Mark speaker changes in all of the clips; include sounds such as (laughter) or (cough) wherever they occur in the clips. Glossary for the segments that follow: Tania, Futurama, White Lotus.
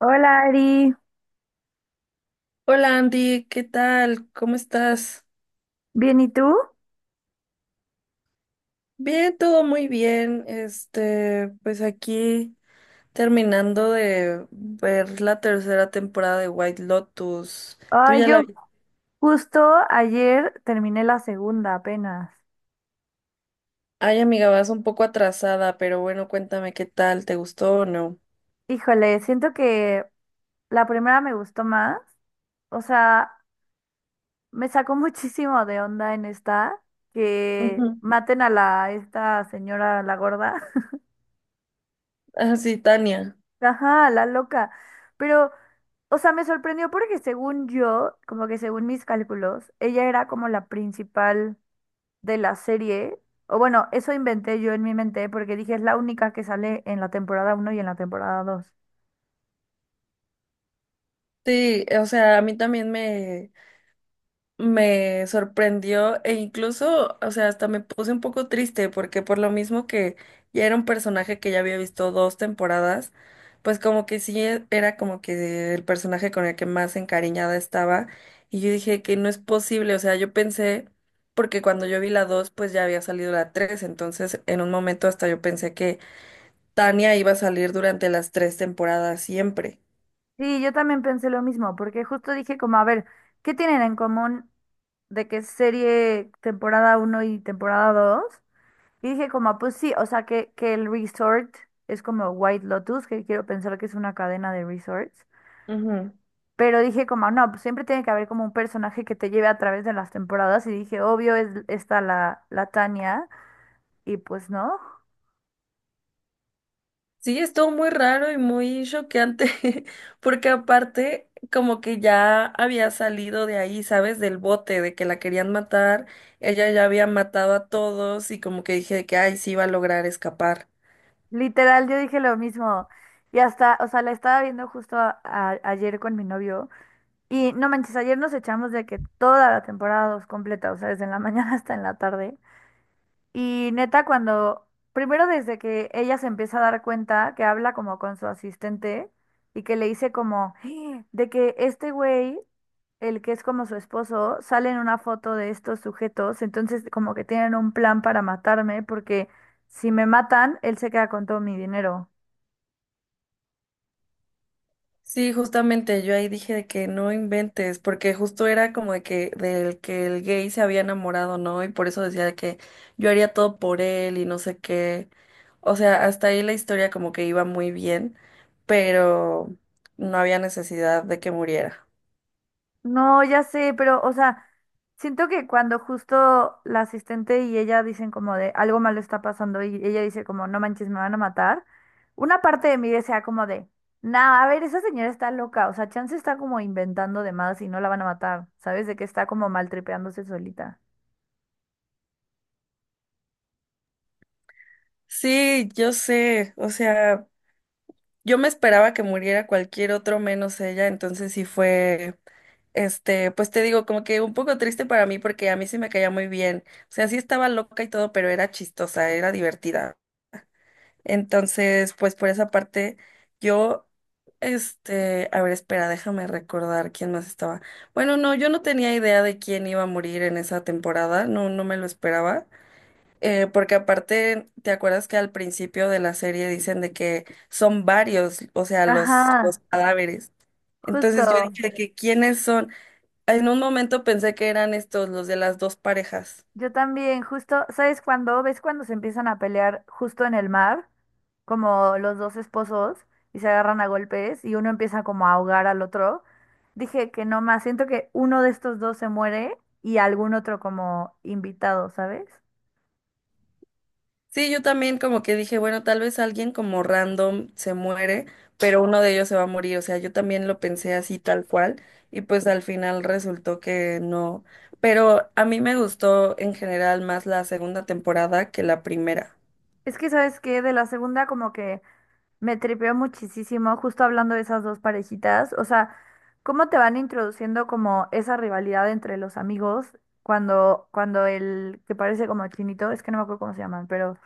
Speaker 1: Hola Ari,
Speaker 2: Hola Andy, ¿qué tal? ¿Cómo estás?
Speaker 1: ¿bien y tú?
Speaker 2: Bien, todo muy bien. Pues aquí terminando de ver la tercera temporada de White Lotus. Tú
Speaker 1: Ay,
Speaker 2: ya la
Speaker 1: yo
Speaker 2: vi.
Speaker 1: justo ayer terminé la segunda apenas.
Speaker 2: Ay, amiga, vas un poco atrasada, pero bueno, cuéntame qué tal, ¿te gustó o no?
Speaker 1: Híjole, siento que la primera me gustó más. O sea, me sacó (laughs) muchísimo de onda en esta, que
Speaker 2: Ujú.
Speaker 1: maten a esta señora, la gorda.
Speaker 2: Ah, sí, Tania.
Speaker 1: (laughs) Ajá, la loca. Pero, o sea, me sorprendió porque según yo, como que según mis cálculos, ella era como la principal de la serie, o bueno, eso inventé yo en mi mente porque dije es la única que sale en la temporada uno y en la temporada dos.
Speaker 2: Sí, o sea, a mí también me sorprendió e incluso, o sea, hasta me puse un poco triste porque por lo mismo que ya era un personaje que ya había visto dos temporadas, pues como que era como que el personaje con el que más encariñada estaba y yo dije que no es posible, o sea, yo pensé, porque cuando yo vi la dos, pues ya había salido la tres, entonces en un momento hasta yo pensé que Tania iba a salir durante las tres temporadas siempre.
Speaker 1: Sí, yo también pensé lo mismo, porque justo dije como, a ver, ¿qué tienen en común de que serie temporada uno y temporada dos? Y dije como, ah, pues sí, o sea, que el resort es como White Lotus, que quiero pensar que es una cadena de resorts. Pero dije como, ah, no, pues siempre tiene que haber como un personaje que te lleve a través de las temporadas. Y dije, obvio, es esta la Tania. Y pues no.
Speaker 2: Sí, estuvo muy raro y muy choqueante, (laughs) porque aparte como que ya había salido de ahí, ¿sabes? Del bote, de que la querían matar, ella ya había matado a todos y como que dije que, ay, sí iba a lograr escapar.
Speaker 1: Literal, yo dije lo mismo. Y hasta, o sea, la estaba viendo justo ayer con mi novio. Y no manches, ayer nos echamos de que toda la temporada dos completa, o sea, desde la mañana (laughs) hasta en la tarde. Y neta, cuando, primero desde que ella se empieza a dar cuenta que habla como con su asistente y que le dice como, "Ah, de que este güey, el que es como su esposo, sale en una foto de estos sujetos, entonces como que tienen un plan para matarme porque si me matan, él se queda con todo mi dinero.
Speaker 2: Sí, justamente yo ahí dije de que no inventes, porque justo era como de que del que el gay se había enamorado, ¿no? Y por eso decía de que yo haría todo por él y no sé qué. O sea, hasta ahí la historia como que iba muy bien, pero no había necesidad de que muriera.
Speaker 1: No, ya sé, pero, o sea, siento que cuando justo la asistente y ella dicen como de algo malo está pasando y ella dice como no manches, me van a matar, una parte de mí desea como de, nah, a ver, esa señora está loca, o sea, Chance está como inventando de más y no la van a matar, ¿sabes? De que está como maltripeándose solita.
Speaker 2: Sí, yo sé, o sea. Yo me esperaba que muriera cualquier otro menos ella, entonces sí fue, pues te digo, como que un poco triste para mí porque a mí sí me caía muy bien. O sea, sí estaba loca y todo, pero era chistosa, era divertida. Entonces, pues por esa parte, yo, a ver, espera, déjame recordar quién más estaba. Bueno, no, yo no tenía idea de quién iba a morir en esa temporada, no, no me lo esperaba. Porque aparte, ¿te acuerdas que al principio de la serie dicen de que son varios, o sea, los
Speaker 1: Ajá,
Speaker 2: cadáveres?
Speaker 1: justo.
Speaker 2: Entonces yo dije de que quiénes son. En un momento pensé que eran estos, los de las dos parejas.
Speaker 1: Yo también, justo, ¿sabes cuándo? ¿Ves cuando se empiezan a pelear justo en el mar? Como los dos esposos y se agarran a golpes y uno empieza como a ahogar al otro. Dije que no más, siento que uno de estos dos se muere y algún otro como invitado, ¿sabes?
Speaker 2: Sí, yo también como que dije, bueno, tal vez alguien como random se muere, pero uno de ellos se va a morir. O sea, yo también lo pensé así tal cual y pues al final resultó que no. Pero a mí me gustó en general más la segunda temporada que la primera.
Speaker 1: Es que, ¿sabes qué? De la segunda como que me tripeó muchísimo justo hablando de esas dos parejitas. O sea, cómo te van introduciendo como esa rivalidad entre los amigos cuando, el que parece como chinito, es que no me acuerdo cómo se llaman, pero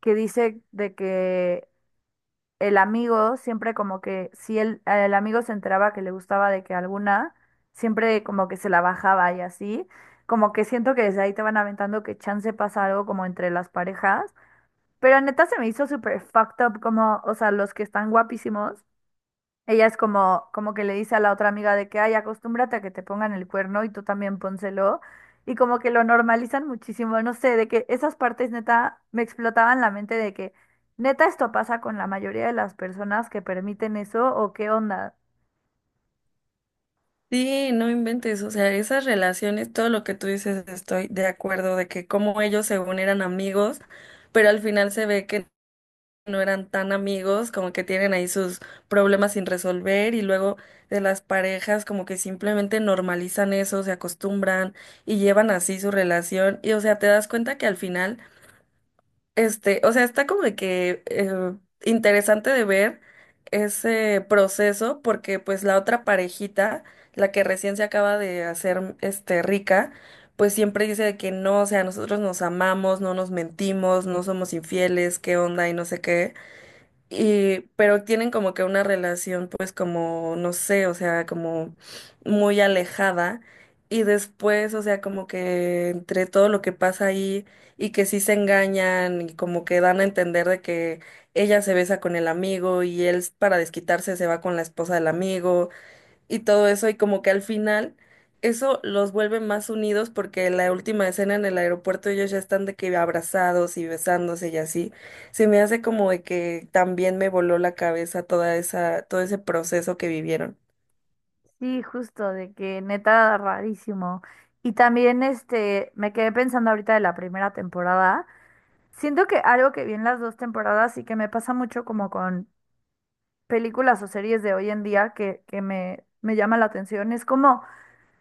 Speaker 1: que dice de que el amigo siempre como que si el amigo se enteraba que le gustaba de que alguna, siempre como que se la bajaba y así. Como que siento que desde ahí te van aventando que chance pasa algo como entre las parejas. Pero neta se me hizo súper fucked up como, o sea, los que están guapísimos. Ella es como, como que le dice a la otra amiga de que, ay, acostúmbrate a que te pongan el cuerno y tú también pónselo. Y como que lo normalizan muchísimo, no sé, de que esas partes neta me explotaban la mente de que neta esto pasa con la mayoría de las personas que permiten eso o qué onda.
Speaker 2: Sí, no inventes, o sea, esas relaciones, todo lo que tú dices, estoy de acuerdo de que como ellos según eran amigos, pero al final se ve que no eran tan amigos, como que tienen ahí sus problemas sin resolver y luego de las parejas como que simplemente normalizan eso, se acostumbran y llevan así su relación y o sea, te das cuenta que al final o sea, está como de que interesante de ver ese proceso porque pues la otra parejita, la que recién se acaba de hacer este rica, pues siempre dice de que no, o sea, nosotros nos amamos, no nos mentimos, no somos infieles, qué onda y no sé qué. Y, pero tienen como que una relación, pues como, no sé, o sea, como muy alejada. Y después, o sea, como que entre todo lo que pasa ahí y que sí se engañan y como que dan a entender de que ella se besa con el amigo y él para desquitarse se va con la esposa del amigo y todo eso, y como que al final eso los vuelve más unidos porque la última escena en el aeropuerto ellos ya están de que abrazados y besándose y así. Se me hace como de que también me voló la cabeza toda esa, todo ese proceso que vivieron.
Speaker 1: Sí, justo, de que neta rarísimo. Y también este, me quedé pensando ahorita de la primera temporada. Siento que algo que vi en las dos temporadas y que me pasa mucho como con películas o series de hoy en día que me llama la atención. Es como,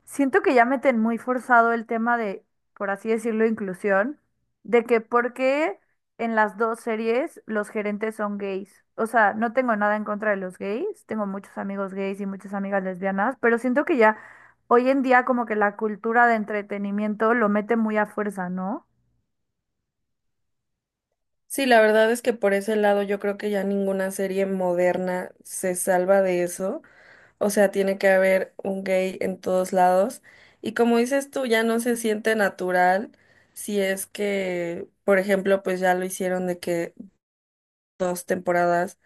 Speaker 1: siento que ya meten muy forzado el tema de, por así decirlo, inclusión, de que por qué en las dos series los gerentes son gays. O sea, no tengo nada en contra de los gays, tengo muchos amigos gays y muchas amigas lesbianas, pero siento que ya hoy en día como que la cultura de entretenimiento lo mete muy a fuerza, ¿no?
Speaker 2: Sí, la verdad es que por ese lado yo creo que ya ninguna serie moderna se salva de eso. O sea, tiene que haber un gay en todos lados. Y como dices tú, ya no se siente natural si es que, por ejemplo, pues ya lo hicieron de que dos temporadas,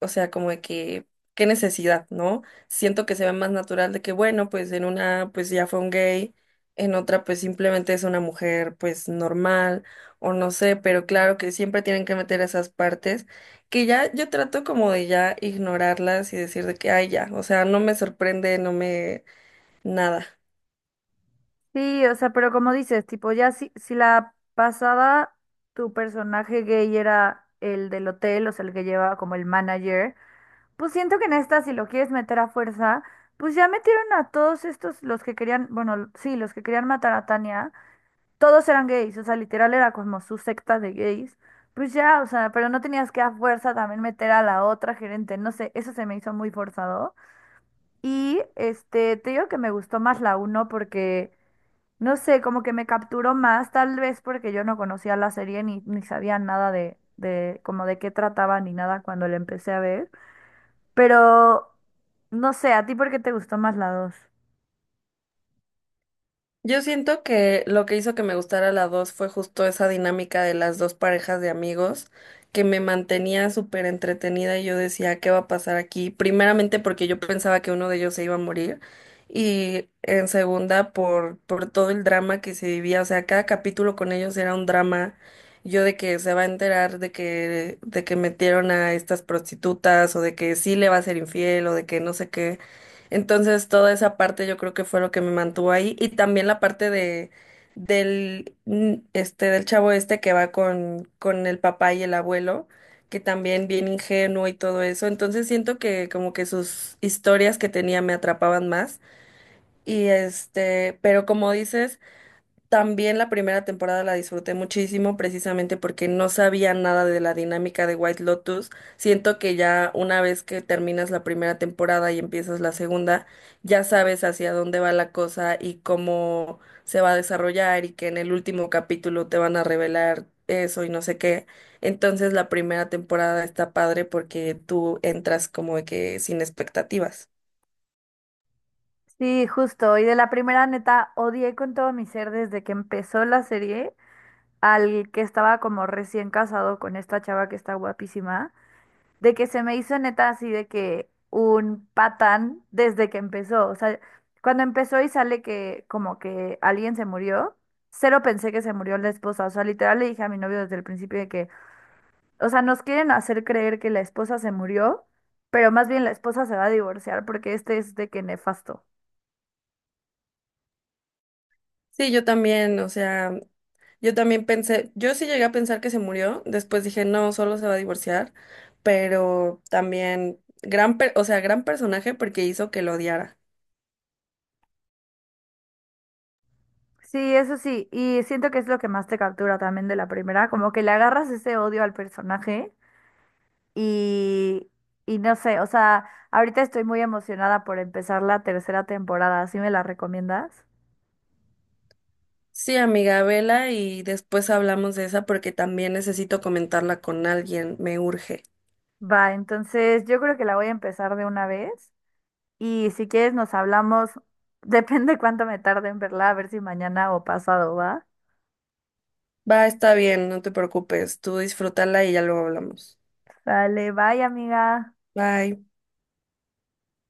Speaker 2: o sea, como de que, qué necesidad, ¿no? Siento que se ve más natural de que, bueno, pues en una, pues ya fue un gay, en otra, pues simplemente es una mujer, pues normal, o no sé, pero claro que siempre tienen que meter esas partes, que ya yo trato como de ya ignorarlas y decir de que, ay, ya, o sea, no me sorprende, no me, nada.
Speaker 1: Sí, o sea, pero como dices, tipo, ya si la pasada tu personaje gay era el del hotel, o sea, el que lleva como el manager, pues siento que en esta, si lo quieres meter a fuerza, pues ya metieron a todos estos, los que querían, bueno, sí, los que querían matar a Tania, todos eran gays, o sea, literal era como su secta de gays, pues ya, o sea, pero no tenías que a fuerza también meter a la otra gerente, no sé, eso se me hizo muy forzado. Y este, te digo que me gustó más la uno porque... No sé, como que me capturó más, tal vez porque yo no conocía la serie ni sabía nada de como de qué trataba ni nada cuando la empecé a ver. Pero no sé, ¿a ti por qué te gustó más la dos?
Speaker 2: Yo siento que lo que hizo que me gustara la 2 fue justo esa dinámica de las dos parejas de amigos que me mantenía súper entretenida y yo decía, ¿qué va a pasar aquí? Primeramente porque yo pensaba que uno de ellos se iba a morir y en segunda por todo el drama que se vivía, o sea, cada capítulo con ellos era un drama, yo de que se va a enterar de que metieron a estas prostitutas o de que sí le va a ser infiel o de que no sé qué. Entonces, toda esa parte yo creo que fue lo que me mantuvo ahí. Y también la parte de del chavo este que va con el papá y el abuelo, que también bien ingenuo y todo eso. Entonces siento que como que sus historias que tenía me atrapaban más. Pero como dices, también la primera temporada la disfruté muchísimo precisamente porque no sabía nada de la dinámica de White Lotus. Siento que ya una vez que terminas la primera temporada y empiezas la segunda, ya sabes hacia dónde va la cosa y cómo se va a desarrollar y que en el último capítulo te van a revelar eso y no sé qué. Entonces la primera temporada está padre porque tú entras como de que sin expectativas.
Speaker 1: Sí, justo. Y de la primera neta odié con todo mi ser desde que empezó la serie al que estaba como recién casado con esta chava que está guapísima. De que se me hizo neta así de que un patán desde que empezó. O sea, cuando empezó y sale que como que alguien se murió, cero pensé que se murió la esposa. O sea, literal le dije a mi novio desde el principio de que, o sea, nos quieren hacer creer que la esposa se murió, pero más bien la esposa se va a divorciar porque este es de que nefasto.
Speaker 2: Sí, yo también, o sea, yo también pensé, yo sí llegué a pensar que se murió, después dije, no, solo se va a divorciar, pero también o sea, gran personaje porque hizo que lo odiara.
Speaker 1: Sí, eso sí, y siento que es lo que más te captura también de la primera, como que le agarras ese odio al personaje. Y, y no sé, o sea, ahorita estoy muy emocionada por empezar la tercera temporada. ¿Sí me la recomiendas?
Speaker 2: Sí, amiga, vela y después hablamos de esa porque también necesito comentarla con alguien, me urge.
Speaker 1: Va, entonces yo creo que la voy a empezar de una vez. Y si quieres nos hablamos, (laughs) depende cuánto me tarde en verla, a ver si mañana o pasado, ¿va?
Speaker 2: Va, está bien, no te preocupes, tú disfrútala y ya luego hablamos.
Speaker 1: Vale, bye, amiga.
Speaker 2: Bye.